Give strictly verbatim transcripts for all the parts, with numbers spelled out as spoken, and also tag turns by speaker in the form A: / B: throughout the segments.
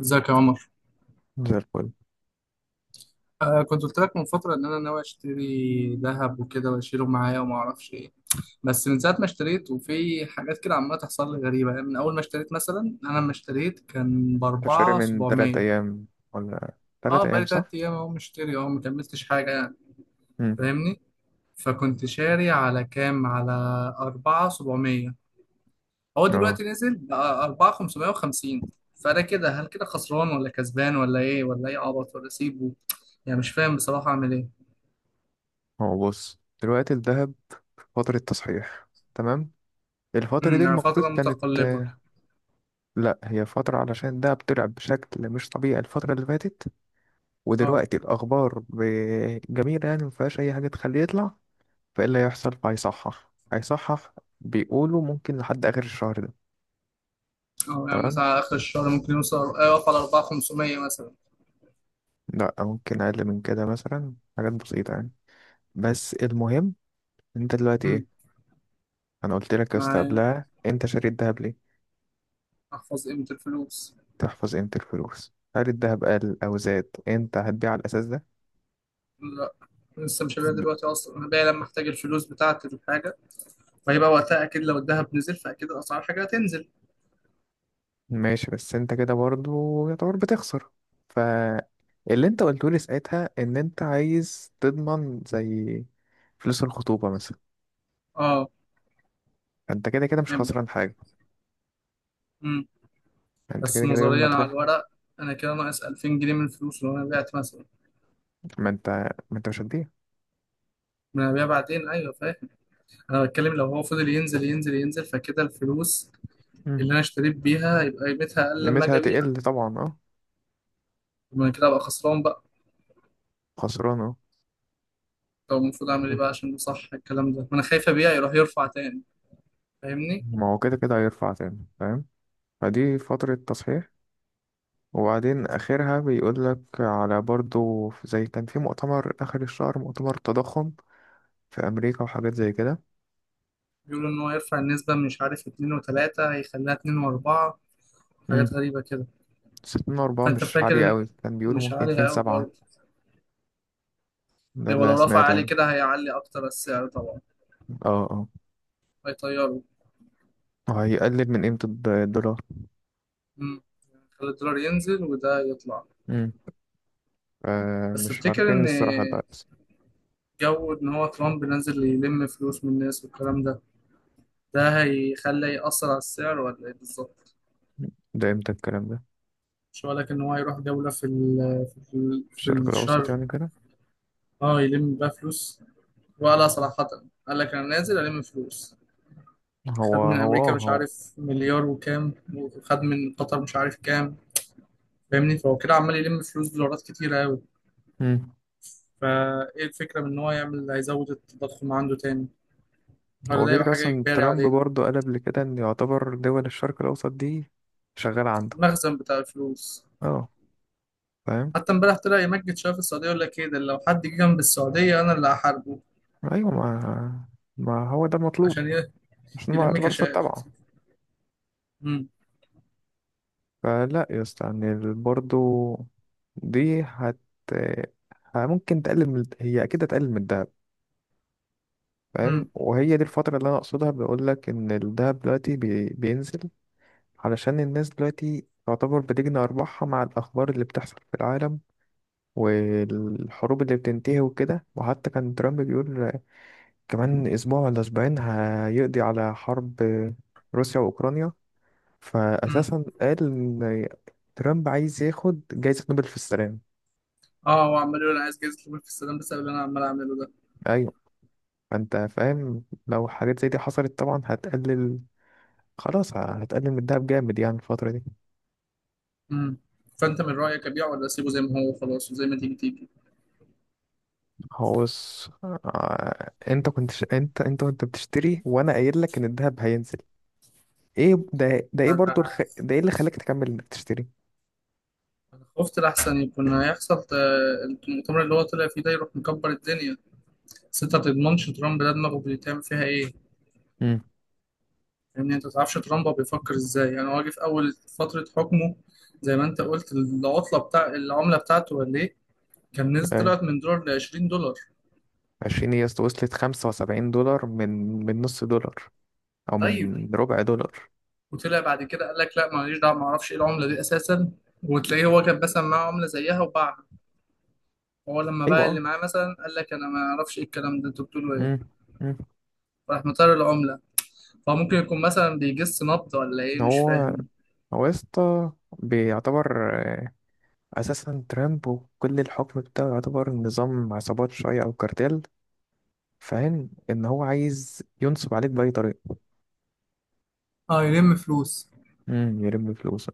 A: ازيك يا عمر.
B: زي الفل.
A: آه، كنت قلت لك من فترة إن أنا ناوي أشتري ذهب وكده وأشيله معايا وما أعرفش إيه، بس من ساعة ما اشتريت وفي حاجات كده عمالة تحصل لي غريبة. يعني من أول ما اشتريت، مثلا أنا لما اشتريت كان
B: تشتري
A: بأربعة
B: من تلات
A: سبعمية.
B: أيام، ولا تلات
A: أه،
B: أيام
A: بقالي
B: صح؟
A: تلات أيام أهو مشتري، أهو مكملتش حاجة يعني.
B: مم.
A: فاهمني؟ فكنت شاري على كام، على أربعة سبعمية. هو
B: اه،
A: دلوقتي نزل بقى أربعة خمسمية وخمسين. فأنا كده، هل كده خسران ولا كسبان ولا إيه، ولا إيه عبط ولا أسيبه؟ يعني مش فاهم بصراحة أعمل إيه.
B: هو بص دلوقتي الذهب فترة تصحيح، تمام. الفترة
A: امم
B: دي
A: يعني
B: المفروض
A: فترة
B: كانت
A: متقلبة.
B: آه، لأ هي فترة علشان الدهب طلع بشكل مش طبيعي الفترة اللي فاتت،
A: اه،
B: ودلوقتي الأخبار ب- جميلة، يعني مفيهاش أي حاجة تخليه يطلع. فإيه اللي هيحصل؟ فهيصحح هيصحح. بيقولوا ممكن لحد آخر الشهر ده.
A: اه. يعني
B: تمام.
A: مثلا على آخر الشهر ممكن يوصل يقف على أربعة خمسمية مثلا.
B: لأ ممكن أقل من كده، مثلا حاجات بسيطة يعني. بس المهم، انت دلوقتي
A: امم
B: ايه؟ انا قلت لك يا اسطى
A: معايا،
B: قبلها، انت شاري الذهب ليه؟
A: أحفظ قيمة الفلوس.
B: تحفظ قيمة الفلوس. هل الذهب قل او زاد انت هتبيع على الاساس ده؟
A: لا، لسه مش هبيع
B: ب-
A: دلوقتي. أصلا أنا بايع لما أحتاج الفلوس بتاعتي للحاجة، فهيبقى وقتها أكيد لو الذهب نزل فأكيد أسعار الحاجة هتنزل.
B: ماشي، بس انت كده برضه يعتبر بتخسر. فاللي انت قلته لي ساعتها ان انت عايز تضمن، زي فلوس الخطوبة مثلا،
A: اه،
B: انت كده كده مش
A: يبقى،
B: خسران حاجة.
A: امم
B: انت
A: بس
B: كده كده يوم ما
A: نظريا على
B: تروح.
A: الورق أنا كده ناقص ألفين جنيه من الفلوس لو أنا بعت مثلا.
B: ما انت ما انت مش هتبيع.
A: ما أنا هبيع بعدين، أيوه فاهم. أنا بتكلم لو هو فضل ينزل ينزل ينزل فكده الفلوس
B: مم.
A: اللي أنا اشتريت بيها يبقى قيمتها أقل لما
B: قيمتها
A: أجي أبيع.
B: هتقل طبعا، اه.
A: وأنا كده أبقى خسران بقى.
B: خسران، اه.
A: طب المفروض أعمل إيه
B: مم.
A: بقى عشان صح الكلام ده؟ ما أنا خايف أبيع يروح يرفع تاني. فاهمني؟
B: ما هو كده كده هيرفع تاني، فاهم. فدي فترة تصحيح. وبعدين آخرها بيقول لك على برضو في- زي كان في مؤتمر آخر الشهر، مؤتمر تضخم في أمريكا وحاجات زي كده.
A: بيقولوا إن هو يرفع النسبة من مش عارف اتنين وتلاتة هيخليها اتنين وأربعة.
B: امم
A: حاجات غريبة كده.
B: ستين أربعة
A: فأنت
B: مش عالية
A: فاكر إن-
B: أوي، كان بيقولوا
A: مش
B: ممكن اتنين
A: عالي أوي
B: سبعة.
A: برضه.
B: ده
A: يعني
B: اللي أنا
A: ولو رفع
B: سمعته
A: عالي
B: يعني.
A: كده هيعلي أكتر السعر طبعا،
B: اه، اه،
A: هيطيره.
B: هيقلل من قيمة الد- الدولار.
A: مم. خلي الدولار ينزل وده يطلع.
B: امم آه
A: بس
B: مش
A: تفتكر
B: عارفين
A: إن
B: الصراحة ده هيحصل.
A: جو إن هو ترامب نازل يلم فلوس من الناس والكلام ده، ده هيخلي يأثر على السعر ولا إيه بالظبط؟
B: ده امتى الكلام ده؟
A: مش هقول لك ان هو يروح دولة في ال، في ال في
B: الشرق الأوسط
A: الشرق.
B: يعني كده.
A: اه، يلم بقى فلوس، وقالها صراحة. قال لك انا نازل الم فلوس.
B: هو
A: خد من
B: هو
A: امريكا
B: آه،
A: مش
B: هو
A: عارف مليار وكام، وخد من قطر مش عارف كام. فاهمني؟ فهو كده عمال يلم فلوس دولارات كتيرة قوي.
B: امم
A: فايه الفكرة من ان هو يعمل، هيزود التضخم عنده تاني، ولا
B: هو
A: ده
B: كده
A: يبقى
B: كده
A: حاجة
B: أصلا
A: اجباري
B: ترامب
A: عليه؟
B: برضو قال قبل كده إن يعتبر دول الشرق الأوسط دي شغالة عنده.
A: المخزن بتاع الفلوس.
B: اه، فاهم.
A: حتى امبارح طلع يمجد شوية في السعودية، يقول لك ايه ده لو حد جه جنب السعودية انا اللي هحاربه.
B: ايوه، ما ما هو ده المطلوب.
A: عشان ي-
B: مش ما
A: يلم
B: اعتبر
A: كاشات.
B: تبعه.
A: امم
B: فلا يا اسطى، يعني برضه دي هت ه- ممكن تقلل من هي اكيد هتقلل من الدهب.
A: امم
B: فاهم، وهي دي الفترة اللي انا اقصدها، بقول لك ان الدهب دلوقتي بي... بينزل. علشان الناس دلوقتي تعتبر بتجني ارباحها مع الاخبار اللي بتحصل في العالم، والحروب اللي بتنتهي وكده. وحتى كان ترامب بيقول كمان اسبوع ولا اسبوعين هيقضي على حرب روسيا واوكرانيا. فأساسا قال إن ترامب عايز ياخد جايزة نوبل في السلام.
A: اه، هو عمال يقول انا عايز جايزه نوبل في السلام بسبب اللي انا عمال اعمله ده.
B: أيوة. فأنت فاهم لو حاجات زي دي حصلت طبعا هتقلل. خلاص، هتقلل من الدهب جامد يعني الفترة دي.
A: امم فانت من رايك ابيعه ولا اسيبه زي ما هو خلاص وزي ما تيجي تيجي؟
B: هو بص، آه، انت كنت ش... انت انت وانت بتشتري، وانا قايل لك ان الدهب هينزل. ايه ده ده ايه برضو
A: انا
B: الخ... ده ايه اللي خلاك تكمل انك تشتري؟
A: انا خفت الاحسن يكون هيحصل، ت- المؤتمر اللي هو طلع فيه ده يروح مكبر الدنيا. بس انت ما تضمنش ترامب، ده دماغه بيتعمل فيها ايه.
B: امم
A: لان انت ما تعرفش ترامب هو بيفكر ازاي. يعني هو جه في اول فتره حكمه، زي ما انت قلت، العطله بتاع العمله بتاعته ولا ايه، كان نزل.
B: ايوه.
A: طلعت من دولار ل عشرين دولار.
B: عشرين، هي وصلت خمسة وسبعين دولار من من نص دولار، او
A: طيب،
B: من ربع دولار.
A: وطلع بعد كده قال لك لا ماليش دعوه، ما اعرفش ايه العمله دي اساسا. وتلاقيه هو كان مثلا معاه عمله زيها وباعها. هو لما باع اللي
B: ايوه.
A: معاه مثلا قال لك انا ما اعرفش ايه الكلام ده، انتوا بتقولوا ايه؟
B: امم امم
A: راح مطير العمله. فهو ممكن يكون مثلا بيجس نبض ولا ايه، مش
B: هو
A: فاهم.
B: هو يا اسطى بيعتبر، آه، اساسا ترامب وكل الحكم بتاعه يعتبر نظام عصابات شويه او كارتيل. فاهم ان هو عايز ينصب عليك باي طريقه.
A: اه، يلم فلوس.
B: امم يلم فلوسه.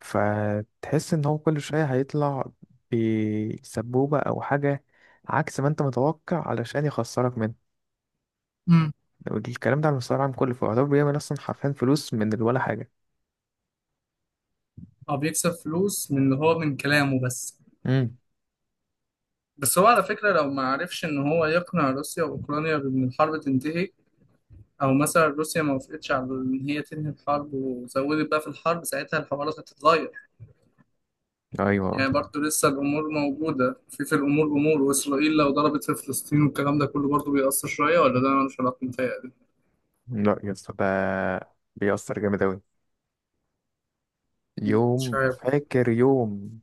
B: فتحس ان هو كل شويه هيطلع بسبوبه او حاجه، عكس ما انت متوقع، علشان يخسرك منه.
A: امم
B: الكلام ده على المستوى العام كله، فيعتبر بيعمل اصلا حرفيا فلوس من ولا حاجه.
A: او بيكسب فلوس من اللي هو من كلامه بس.
B: امم
A: بس هو على فكره، لو ما عرفش ان هو يقنع روسيا واوكرانيا بان الحرب تنتهي، او مثلا روسيا ما وافقتش على ان هي تنهي الحرب وزودت بقى في الحرب، ساعتها الحوارات هتتغير.
B: ايوه.
A: يعني برضو لسه الأمور موجودة، في في الأمور أمور، وإسرائيل لو ضربت في فلسطين والكلام ده كله برضو بيأثر شوية، ولا ده ملوش علاقة متهيألي؟
B: لا يا اسطى، ده بيأثر جامد اوي.
A: مم، مش
B: يوم،
A: عارف.
B: فاكر يوم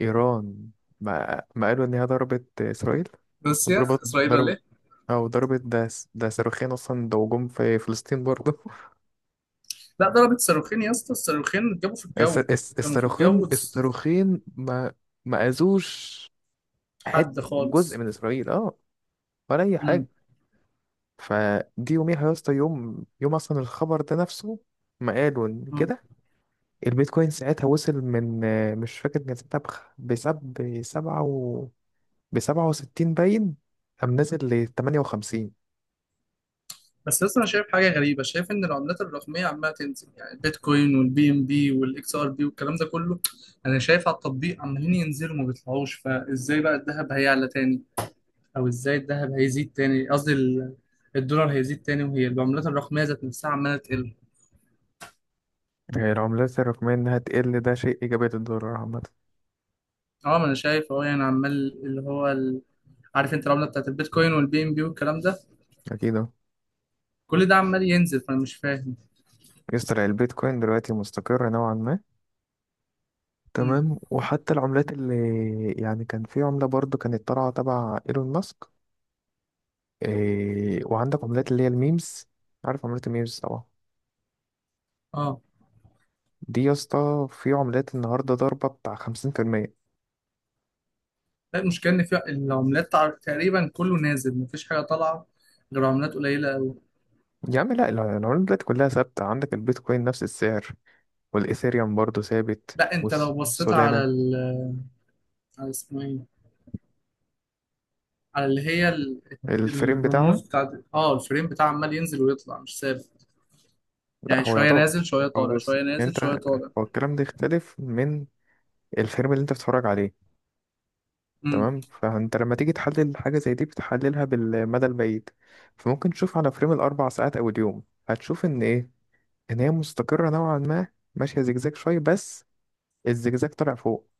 B: إيران ما, ما قالوا إن هي ضربت إسرائيل؟
A: بس
B: وضربت
A: يا إسرائيل ولا
B: ضرب
A: إيه؟
B: أو ضربت، ده س- ده صاروخين أصلا، ده هجوم في فلسطين برضه.
A: لا، ضربت صاروخين يا اسطى، الصاروخين اتجابوا في
B: الس-
A: الجو،
B: الس-
A: كانوا في
B: الصاروخين
A: الجو،
B: الصاروخين ما ما أذوش حت
A: حد
B: جزء
A: خالص.
B: من إسرائيل، أه، ولا أي حاجة.
A: مم.
B: فدي يوميها يا اسطى، يوم يوم أصلا، الخبر ده نفسه ما قالوا إن
A: مم.
B: كده. البيتكوين ساعتها وصل من آه، مش فاكر كان ساعتها بخ- بسب بسبعة و بسبعة وستين باين. قام نازل لتمانية وخمسين.
A: بس لسه أنا شايف حاجة غريبة، شايف إن العملات الرقمية عمالة تنزل. يعني البيتكوين والبي إم بي والإكس آر بي والكلام ده كله، أنا شايف على التطبيق عمالين ينزلوا، ما بيطلعوش. فإزاي بقى الذهب هيعلى تاني؟ او ازاي الذهب هيزيد تاني، قصدي ال، الدولار هيزيد تاني وهي العملات الرقميه ذات نفسها عماله تقل؟
B: هي العملات الرقمية إنها تقل ده شيء إيجابي للدولار عامة.
A: اه، ما انا شايف، اه يعني عمال اللي هو ال، عارف انت العمله بتاعت البيتكوين والبي ام بي والكلام ده،
B: أكيد، أه.
A: كل ده عمال ينزل، فانا مش فاهم.
B: يسطا البيتكوين دلوقتي مستقر نوعا ما.
A: امم
B: تمام، وحتى العملات اللي يعني كان في عملة برضو كانت طالعة تبع إيلون ماسك، إيه، وعندك عملات اللي هي الميمز، عارف عملات الميمز طبعا.
A: اه
B: دي يا اسطى في عملات النهاردة ضربة بتاع خمسين في المية.
A: لا، المشكله ان في العملات تع- تقريبا كله نازل، مفيش حاجه طالعه غير عملات قليله قوي.
B: يا عم لأ، الع- العملات دلوقتي كلها ثابتة، عندك البيتكوين نفس السعر، والإيثيريوم برضو ثابت،
A: لا، انت لو بصيت
B: والسولانا،
A: على ال، على اسمه ايه، على اللي هي ال،
B: الفريم بتاعها.
A: الرموز بتاعت اه الفريم بتاع، عمال ينزل ويطلع مش ثابت.
B: لا
A: يعني
B: هو
A: شوية
B: يعتبر.
A: نازل شوية
B: هو
A: طالع،
B: بص
A: شوية نازل شوية
B: انت،
A: طالع.
B: هو الكلام ده يختلف من الفيلم اللي انت بتتفرج عليه.
A: امم
B: تمام، فانت لما تيجي تحلل حاجة زي دي بتحللها بالمدى البعيد. فممكن تشوف على فريم الاربع ساعات او اليوم، هتشوف ان ايه؟ ان هي مستقرة نوعا ما، ماشية زجزاج شوية، بس الزجزاج طالع فوق،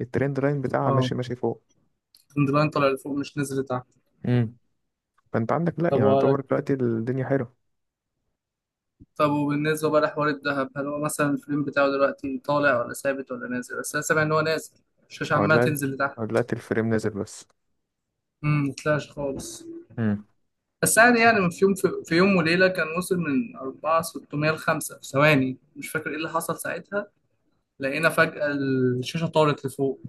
B: الترند لاين بتاعها
A: اه،
B: ماشي ماشي فوق.
A: اللاين طالع لفوق مش نازل لتحت.
B: امم فانت عندك لا، يعني
A: طب
B: يعتبر
A: وقالك،
B: دلوقتي الدنيا حلوة.
A: طب وبالنسبة بقى لحوار الذهب، هل هو مثلا الفريم بتاعه دلوقتي طالع ولا ثابت ولا نازل؟ بس انا سامع ان هو نازل، الشاشة
B: او
A: عمالة
B: دلوقتي
A: تنزل لتحت.
B: أو دلوقتي الفريم نازل بس.
A: امم مطلعش خالص.
B: امم.
A: بس يعني، يعني في يوم، في, في يوم وليلة كان وصل من أربعة ستمية ل خمسة في ثواني، مش فاكر ايه اللي حصل ساعتها. لقينا فجأة الشاشة طارت لفوق.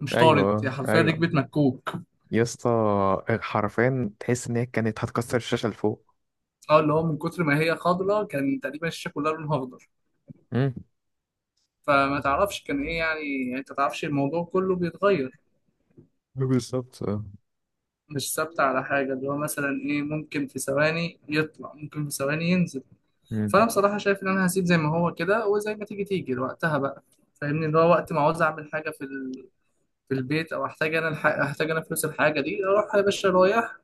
A: مش طارت، هي
B: ايوه،
A: حرفيا
B: ايوه،
A: ركبت مكوك.
B: يا اسطى، حرفيا تحس ان هي كانت هتكسر الشاشه اللي فوق.
A: اه، اللي هو من كتر ما هي خضرا كان تقريبا الشاشة كلها لونها اخضر.
B: امم.
A: فما تعرفش كان ايه يعني. يعني انت تعرفش الموضوع كله بيتغير،
B: بالظبط، اه.
A: مش ثابت على حاجة. اللي هو مثلا ايه، ممكن في ثواني يطلع ممكن في ثواني ينزل. فانا
B: امم،
A: بصراحة شايف ان انا هسيب زي ما هو كده وزي ما تيجي تيجي وقتها بقى. فاهمني؟ اللي هو وقت ما عاوز اعمل حاجة في ال، في البيت، او احتاج انا الح... احتاج انا فلوس الحاجة دي، اروح يا باشا رايح،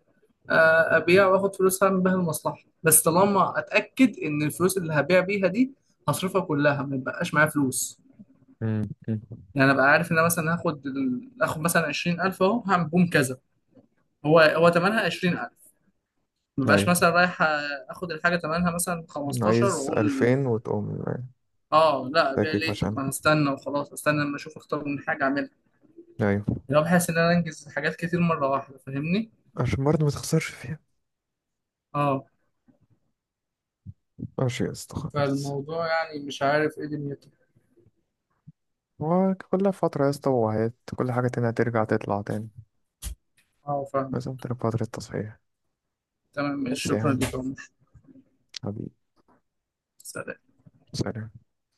A: آه، ابيع واخد فلوس اعمل بيها المصلحة. بس طالما اتاكد ان الفلوس اللي هبيع بيها دي هصرفها كلها، ما يبقاش معايا فلوس.
B: امم، أمم.
A: يعني انا بقى عارف ان انا مثلا هاخد ال- هاخد مثلا عشرين ألف اهو، هعمل بوم كذا، هو هو ثمنها عشرين ألف. ما بقاش
B: ايوه،
A: مثلا رايح اخد الحاجه ثمنها مثلا خمستاشر
B: عايز
A: واقول
B: ألفين وتقوم،
A: اه لا، ابيع
B: فاكك
A: ليه؟ طب
B: عشان.
A: ما انا استنى وخلاص، استنى لما اشوف اختار من حاجه اعملها.
B: ايوه،
A: يعني بحس ان انا انجز حاجات كتير مره واحده. فاهمني؟
B: عشان برضه ما تخسرش فيها.
A: اه.
B: ماشي يا اسطى، خلاص.
A: فالموضوع يعني مش عارف ايه دنيته.
B: هو كل فترة يا اسطى وهات، كل حاجة تانية هترجع تطلع تاني،
A: اه فاهم.
B: لازم تبقى فترة تصحيح.
A: تمام،
B: بس يا
A: شكرا
B: عم،
A: لك يا عمر.
B: حبيبي.
A: سلام.
B: سلام.